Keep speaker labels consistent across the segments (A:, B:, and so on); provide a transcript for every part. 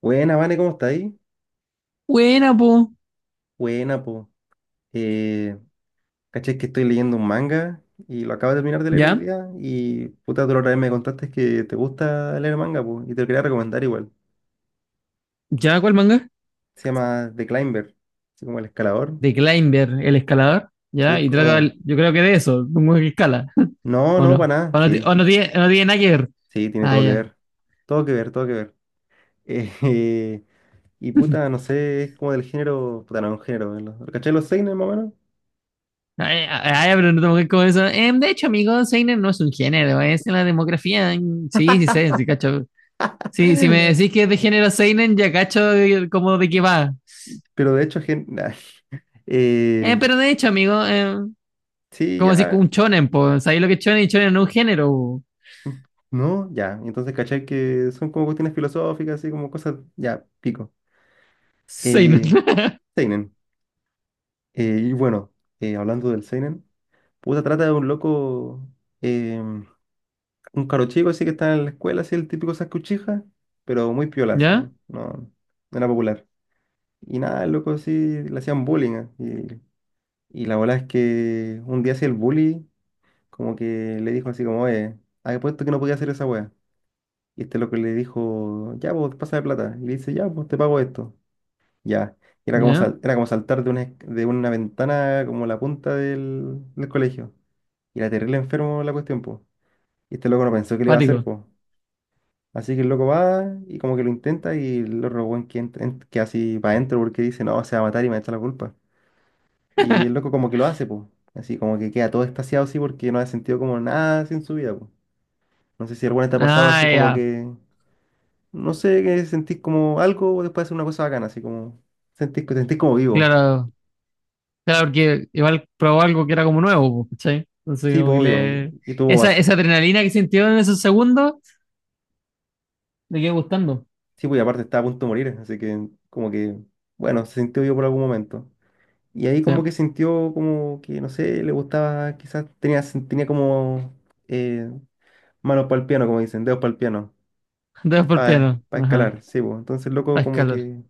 A: Buena, Vane, ¿cómo está ahí?
B: Buena, po.
A: Buena, po. Eh, caché que estoy leyendo un manga y lo acabo de terminar de leer hoy
B: ¿Ya?
A: día. Y puta, tú la otra vez me contaste que te gusta leer manga, po. Y te lo quería recomendar igual.
B: ¿Ya cuál manga?
A: Se llama The Climber, así como el escalador.
B: De Climber, el escalador.
A: Sí,
B: ¿Ya?
A: es
B: Y trata,
A: como.
B: yo creo que de eso, de un weón que escala,
A: No,
B: ¿o
A: no, para
B: no?
A: nada.
B: ¿O no,
A: Sí,
B: o no tiene, no tiene nada que ver?
A: sí, tiene
B: Ah,
A: todo que
B: ya.
A: ver. Todo que ver, todo que ver. Eh, eh, y puta, no sé, es como del género. Puta, no es un género. ¿Lo caché los seinen más o menos?
B: Ah, ya, ah, ya, pero no tengo que ver con eso. De hecho, amigo, Seinen no es un género, es en la demografía. Mm, sí, sí sé, sí cacho. Sí, si me decís que es de género Seinen, ya cacho como de qué va.
A: Pero de hecho, Eh,
B: Pero de hecho, amigo,
A: sí,
B: como así
A: ya.
B: un shonen, pues, ¿sabéis lo que es shonen? Shonen no es un género. Po.
A: No, ya. Entonces, ¿cachai? Que son como cuestiones filosóficas, así como cosas, ya, pico.
B: Seinen.
A: Eh, Seinen. Y bueno, hablando del Seinen, puta, trata de un loco, eh, un caro chico, así que está en la escuela, así el típico Sasuke Uchiha, pero muy piola, así.
B: ¿Ya?
A: No, no era popular. Y nada, el loco así le hacían bullying. eh, y la bola es que un día así el bully, como que le dijo así como, había puesto que no podía hacer esa wea. Y este loco le dijo, ya, vos, pásame plata. Y le dice, ya, pues te pago esto. Ya. Y era como,
B: ¿Ya?
A: era como saltar de una, de una ventana como la punta del, del colegio. Y era terrible enfermo la cuestión, pues. Y este loco no pensó que le iba a
B: Pático.
A: hacer, pues. Así que el loco va y como que lo intenta y el otro weón que, que así va adentro porque dice, no, se va a matar y me va a echar la culpa. Y el loco como que lo hace, pues. Así como que queda todo extasiado así porque no ha sentido como nada sin su vida, pues. No sé si alguna te ha pasado
B: Ah,
A: así como
B: ya,
A: que... No sé, que sentís como algo después de hacer una cosa bacana, así como sentís, sentís como vivo.
B: claro, claro, porque igual probó algo que era como nuevo, po, ¿cachai? Entonces,
A: Sí,
B: como
A: pues
B: que
A: obvio,
B: le.
A: y tuvo
B: Esa,
A: así.
B: esa adrenalina que sintió en esos segundos, le quedó gustando.
A: Sí, pues y aparte estaba a punto de morir, así que como que, bueno, se sintió vivo por algún momento. Y ahí
B: Sí,
A: como que sintió como que, no sé, le gustaba, quizás tenía, tenía como eh, manos para el piano, como dicen, dedos para el piano,
B: dos por
A: para
B: piano, ajá,
A: escalar, sí, pues. Entonces,
B: a
A: loco, como
B: escalar,
A: que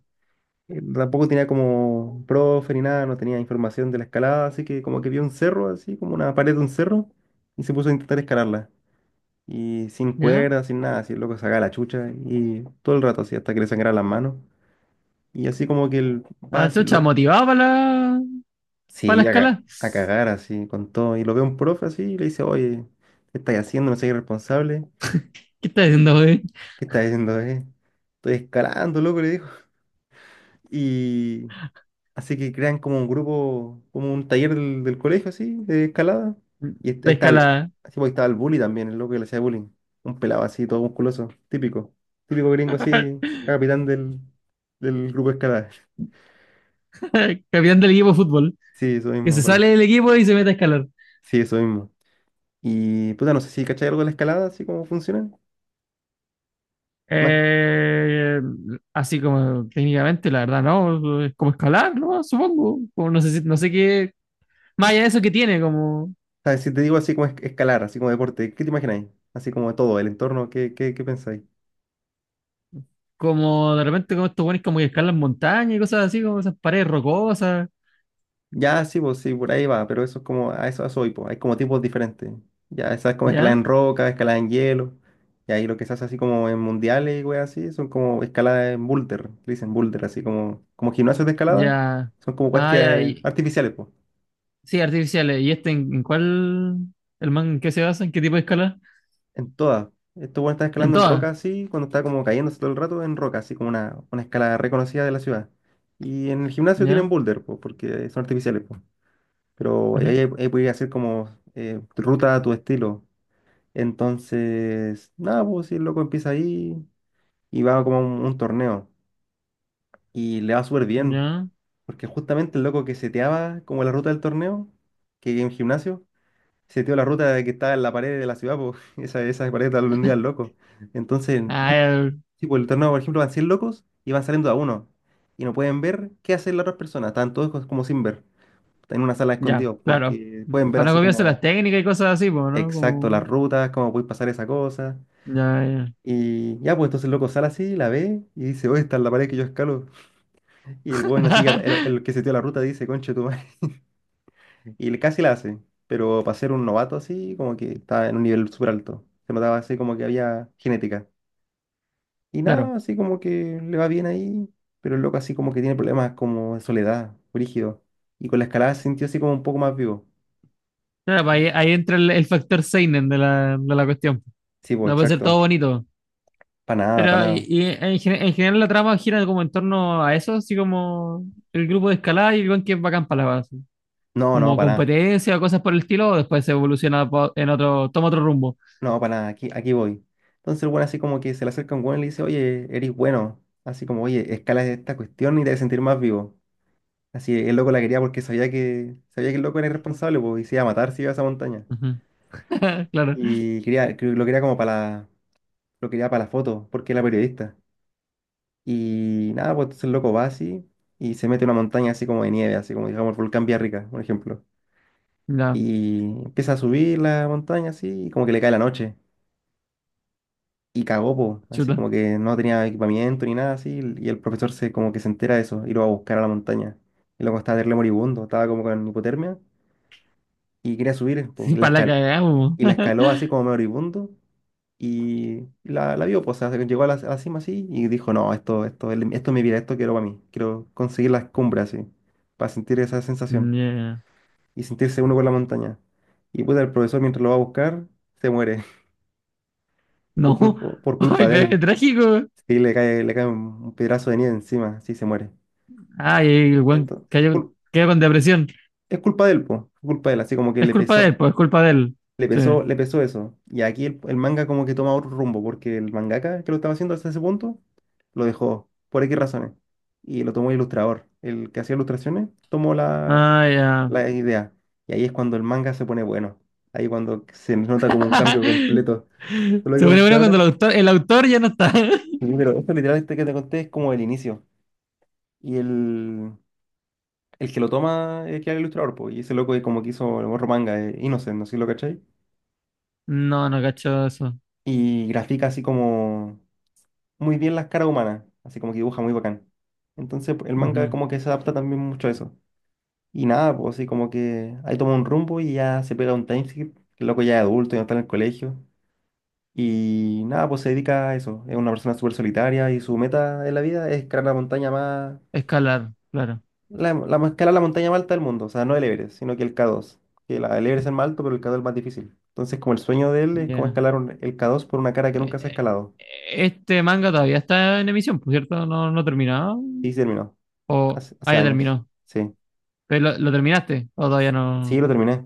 A: tampoco tenía como profe ni nada, no tenía información de la escalada, así que como que vio un cerro, así como una pared de un cerro, y se puso a intentar escalarla. Y sin
B: ¿ya?
A: cuerda, sin nada, así el loco sacaba la chucha y todo el rato así hasta que le sangraran las manos. Y así como que él va
B: Ah,
A: así,
B: chucha, motivado para la
A: sí,
B: escala.
A: a cagar así con todo. Y lo ve un profe así y le dice, oye, ¿qué estás haciendo? No soy irresponsable.
B: ¿Qué estás diciendo, güey?
A: ¿Qué estás haciendo, eh? Estoy escalando, loco, le dijo. y Así que crean como un grupo, como un taller del, del colegio, así, de escalada. Y ahí
B: De
A: está el,
B: escalada.
A: así, pues, ahí estaba el bully también, el loco que le hacía bullying. Un pelado así, todo musculoso, típico. Típico gringo así, capitán del, del grupo de escalada.
B: Campeón del equipo de fútbol,
A: Sí, eso
B: que
A: mismo,
B: se
A: Nicolás.
B: sale del equipo y se mete a escalar.
A: Sí, eso mismo. Y puta, no sé si cachai algo de la escalada, así como funciona. Más,
B: Eh, Así como técnicamente, la verdad, no, es como escalar, ¿no? Supongo. Como no sé, no sé qué más allá de eso que tiene, como,
A: ¿sabes? Si te digo así como escalar, así como deporte, ¿qué te imagináis? Así como todo, el entorno, qué pensáis?
B: como de repente como estos buenos como que escalan montañas y cosas así, como esas paredes rocosas,
A: Ya, sí, pues sí, por ahí va, pero eso es como, a eso voy, pues, hay como tipos diferentes. Ya, esa es como escalada en
B: ¿ya?
A: roca, escalada en hielo, y ahí lo que se hace así como en mundiales y weas así, son como escaladas en boulder, le dicen boulder, así como, como gimnasios de escalada,
B: Ya.
A: son como weas
B: Ah,
A: que,
B: ya. Y
A: artificiales, pues,
B: sí, artificiales. ¿Y este en cuál? ¿El man en qué se basa? ¿En qué tipo de escala?
A: en todas. Esto bueno están
B: En
A: escalando en roca
B: todas,
A: así, cuando está como cayéndose todo el rato, en roca, así como una escalada reconocida de la ciudad. Y en el gimnasio tienen
B: ¿ya?
A: boulder, pues, porque son artificiales, pues. Pero ahí,
B: Ujú,
A: ahí puedes hacer como ruta a tu estilo. Entonces, nada, pues si el loco empieza ahí y va como a un torneo y le va súper bien,
B: ¿ya?
A: porque justamente el loco que seteaba como la ruta del torneo, que en gimnasio, seteó la ruta de que estaba en la pared de la ciudad, pues esa pared está día al loco. Entonces,
B: Ah,
A: si por el torneo, por ejemplo, van 100 locos y van saliendo a uno y no pueden ver qué hacen las otras personas, están todos como sin ver, están en una sala
B: ya,
A: escondidos
B: claro.
A: porque pueden ver
B: Para no
A: así
B: copiarse las
A: como
B: técnicas y cosas así, pues, ¿no?
A: exacto las
B: Como,
A: rutas, cómo puede pasar esa cosa.
B: ya, ya.
A: Y ya, pues entonces el loco sale así, la ve y dice, oye, está en la pared que yo escalo. Y el weón así, que el que se dio la ruta dice, conche tu madre. Casi la hace, pero para ser un novato así, como que estaba en un nivel súper alto. Se notaba así como que había genética. Y
B: Claro.
A: nada, así como que le va bien ahí, pero el loco así como que tiene problemas como de soledad, rígido. Y con la escalada se sintió así como un poco más vivo.
B: Claro, pues ahí, ahí entra el factor seinen de la cuestión.
A: Sí, pues
B: No puede ser todo
A: exacto.
B: bonito.
A: Para nada, para
B: Pero
A: nada.
B: y en, en general la trama gira como en torno a eso, así como el grupo de escalada y el weón que es bacán para la base.
A: No, no,
B: Como
A: para nada.
B: competencia o cosas por el estilo, o después se evoluciona en otro, toma otro rumbo.
A: No, para nada, aquí, aquí voy. Entonces el weón así como que se le acerca un weón y le dice, oye, eres bueno. Así como, oye, escala esta cuestión y te vas a sentir más vivo. Así el loco la quería porque sabía que el loco era irresponsable, pues, y se iba a matar si iba a esa montaña.
B: Ujú. Claro,
A: Y quería, creo que lo quería como para la, lo quería para la foto, porque era periodista. Y nada, pues entonces el loco va así y se mete a una montaña así como de nieve, así como digamos el volcán Villarrica, por ejemplo.
B: ya,
A: Y empieza a subir la montaña así y como que le cae la noche. Y cagó, po, así
B: chuta.
A: como que no tenía equipamiento ni nada así, y el profesor se como que se entera de eso y lo va a buscar a la montaña. Y luego estaba terrible moribundo, estaba como con hipotermia y quería subir, po,
B: Sí,
A: y la
B: para la cagamos.
A: y la escaló así como moribundo y la vio, pues, o sea, llegó a la cima así y dijo, no, esto, esto es mi vida, esto quiero para mí, quiero conseguir las cumbres así, para sentir esa sensación
B: Yeah.
A: y sentirse uno con la montaña. Y pues el profesor mientras lo va a buscar, se muere
B: No,
A: por culpa
B: ay,
A: de
B: pero es
A: él.
B: trágico.
A: Sí, le cae un pedazo de nieve encima, sí se muere.
B: Ay, el weón
A: Entonces,
B: cayó, quedó con depresión.
A: es culpa de él, po, es culpa de él, así como que
B: Es
A: le
B: culpa de
A: pesó,
B: él, pues es culpa de él. Sí.
A: le pesó eso. Y aquí el manga como que toma otro rumbo, porque el mangaka que lo estaba haciendo hasta ese punto, lo dejó, por X razones. Y lo tomó el ilustrador. El que hacía ilustraciones tomó la,
B: Ah, ya.
A: la idea. Y ahí es cuando el manga se pone bueno. Ahí cuando se nota como un cambio completo. ¿Te lo que
B: Se pone
A: conté
B: bueno cuando
A: ahora?
B: el autor ya no está.
A: Sí, pero esto literal este que te conté es como el inicio. Y el que lo toma es que era el ilustrador, pues, y ese loco es como que hizo el morro manga, Innocent, no sé si lo cachai.
B: No, no cacho eso.
A: Y grafica así como muy bien las caras humanas, así como que dibuja muy bacán. Entonces el manga
B: Ujú.
A: como que se adapta también mucho a eso. Y nada, pues así como que ahí toma un rumbo y ya se pega un timeskip, que el loco ya es adulto, ya no está en el colegio. Y nada, pues se dedica a eso. Es una persona súper solitaria y su meta en la vida es crear la montaña más.
B: Escalar, claro.
A: La más escala es la montaña más alta del mundo, o sea, no el Everest, sino que el K2. Que la, el Everest es el más alto, pero el K2 es el más difícil. Entonces, como el sueño de él es como
B: Ya.
A: escalar el K2 por una cara que
B: Eh,
A: nunca se ha
B: eh,
A: escalado.
B: este manga todavía está en emisión, por cierto, no, no ha terminado.
A: Y se terminó,
B: O,
A: hace,
B: ah,
A: hace
B: ya
A: años.
B: terminó.
A: Sí,
B: ¿Pero lo terminaste? ¿O todavía
A: sí,
B: no?
A: lo terminé.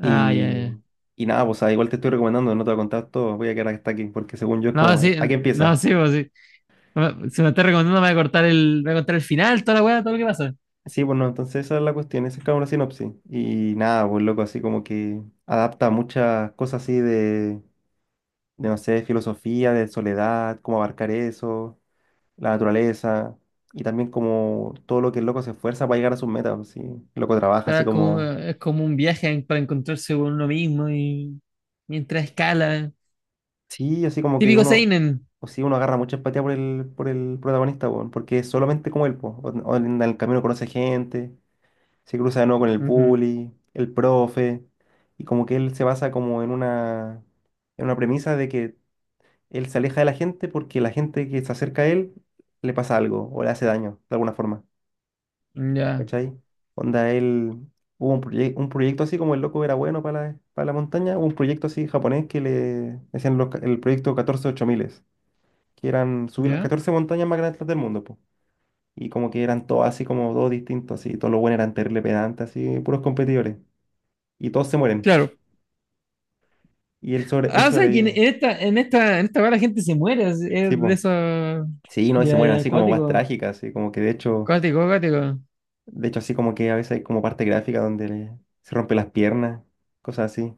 B: Ah, ya,
A: Y,
B: ya.
A: y nada, pues, o sea, igual te estoy recomendando, no te voy a contar todo, voy a quedar hasta aquí, porque según yo es
B: No,
A: como,
B: sí,
A: ¿a
B: no,
A: empieza?
B: sí, pues sí. No, si me estás recomendando, me voy a cortar el, me voy a cortar el final, toda la weá, todo lo que pasa. O
A: Sí, bueno, entonces esa es la cuestión, esa es como una sinopsis. Y nada, pues loco, así como que adapta muchas cosas así de no sé, filosofía, de soledad, cómo abarcar eso la naturaleza y también como todo lo que el loco se esfuerza para llegar a sus metas. Así, el loco trabaja
B: sea,
A: así como,
B: es como un viaje para encontrarse con uno mismo y mientras escala.
A: sí, así como que
B: Típico
A: uno,
B: Seinen.
A: o sí, uno agarra mucha empatía por el protagonista, weón, porque es solamente como él, po. O en el camino conoce gente, se cruza de nuevo con el
B: Ujú.
A: bully, el profe, y como que él se basa como en una premisa de que él se aleja de la gente porque la gente que se acerca a él le pasa algo o le hace daño de alguna forma.
B: Ya,
A: ¿Cachai? Onda, hubo un proyecto así como el loco era bueno para la montaña. Hubo un proyecto así japonés que le decían el proyecto 14 ocho miles, que eran subir las
B: ya.
A: 14 montañas más grandes del mundo, po. Y como que eran todos así como todos distintos, así, todos los buenos eran terrible pedantes, así, puros competidores. Y todos se mueren.
B: Claro.
A: Y él
B: Ah, o sea, que en
A: sobrevive.
B: esta, en esta, en esta weá la gente se muere,
A: Sí,
B: es de
A: po.
B: eso.
A: Sí, no, y se
B: Ya,
A: mueren
B: ya,
A: así como guas
B: acuático.
A: trágicas, así como que
B: Acuático, acuático.
A: de hecho así como que a veces hay como parte gráfica donde se rompe las piernas, cosas así.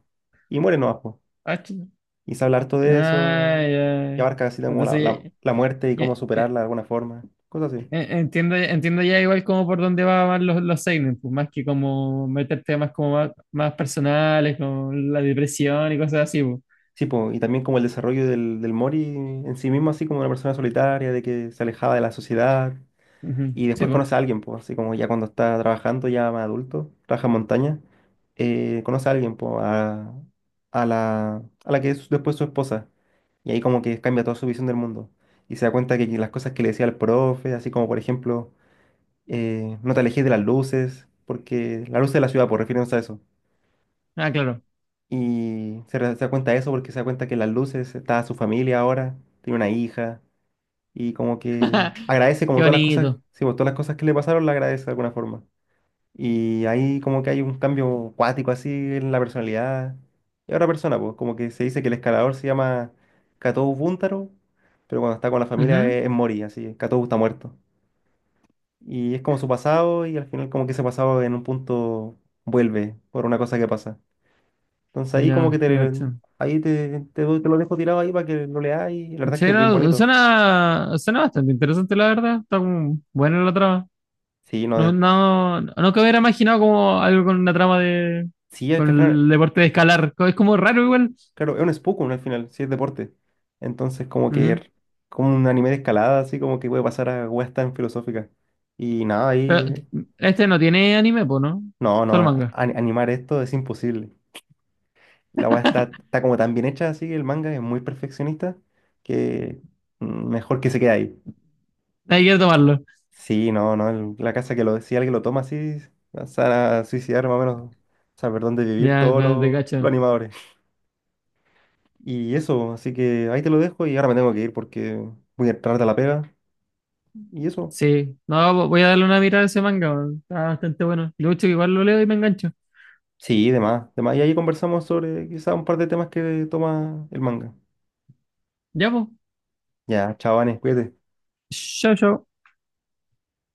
A: Y mueren nomás, po.
B: Ah,
A: Y se habla harto de
B: ah,
A: eso y
B: ya.
A: abarca así como la, la-
B: Entonces,
A: la muerte y
B: ya,
A: cómo
B: ya,
A: superarla de alguna forma, cosas así.
B: entiendo, entiendo ya igual como por dónde van los seinen, pues más que como meter temas como más, más personales, como la depresión y cosas así, pues.
A: Sí, po, y también como el desarrollo del Mori en sí mismo, así como una persona solitaria, de que se alejaba de la sociedad
B: Ujú,
A: y
B: sí,
A: después
B: pues.
A: conoce a alguien, pues, así como ya cuando está trabajando, ya más adulto, trabaja en montaña, conoce a alguien, pues, a la que es después su esposa. Y ahí como que cambia toda su visión del mundo. Y se da cuenta que las cosas que le decía el profe, así como por ejemplo no te alejes de las luces, porque la luz de la ciudad, por refiriéndose a eso.
B: Ah, claro.
A: Y se da cuenta de eso porque se da cuenta que en las luces está su familia ahora, tiene una hija, y como que agradece como
B: Qué
A: todas las cosas,
B: bonito.
A: sí, pues, todas las cosas que le pasaron, la agradece de alguna forma. Y ahí como que hay un cambio cuático así en la personalidad. Y otra persona, pues, como que se dice que el escalador se llama Katou Buntaro, pero cuando está con la familia
B: Ujú,
A: es Mori, así. Katou está muerto. Y es como su pasado y al final como que ese pasado, en un punto, vuelve por una cosa que pasa. Entonces ahí como que
B: ya,
A: te,
B: te cacho.
A: ahí te lo dejo tirado ahí para que lo leas, y la verdad es
B: Sí,
A: que es bien
B: no,
A: bonito.
B: suena, suena bastante interesante, la verdad. Está como buena la trama.
A: Sí, no,
B: No, no, no que hubiera imaginado como algo con una trama de,
A: sí, es
B: con
A: que al final,
B: el deporte de escalar. Es como raro igual.
A: claro, es un Spokon al final, sí es deporte. Entonces como que
B: Ujú.
A: como un anime de escalada, así como que puede pasar a weas tan filosóficas. Y nada,
B: Pero
A: ahí,
B: este no tiene anime, pues, ¿no?
A: no, no,
B: Solo manga.
A: animar esto es imposible. La wea está, está como tan bien hecha así, el manga es muy perfeccionista que mejor que se quede ahí.
B: Hay que tomarlo.
A: Sí, no, no, la casa que lo decía, alguien lo toma así, se van a suicidar más o menos, saber dónde vivir
B: Ya,
A: todos
B: no, te
A: los
B: cacho.
A: animadores. Y eso, así que ahí te lo dejo y ahora me tengo que ir porque voy a tarde a la pega. Y eso,
B: Sí. No, voy a darle una mirada a ese manga, weón. Está bastante bueno. Lucho, igual lo leo y me engancho.
A: sí, demás, demás. Y ahí conversamos sobre quizás un par de temas que toma el manga.
B: Ya, pues.
A: Ya, chao, Vanes, cuídate.
B: Chao, chao.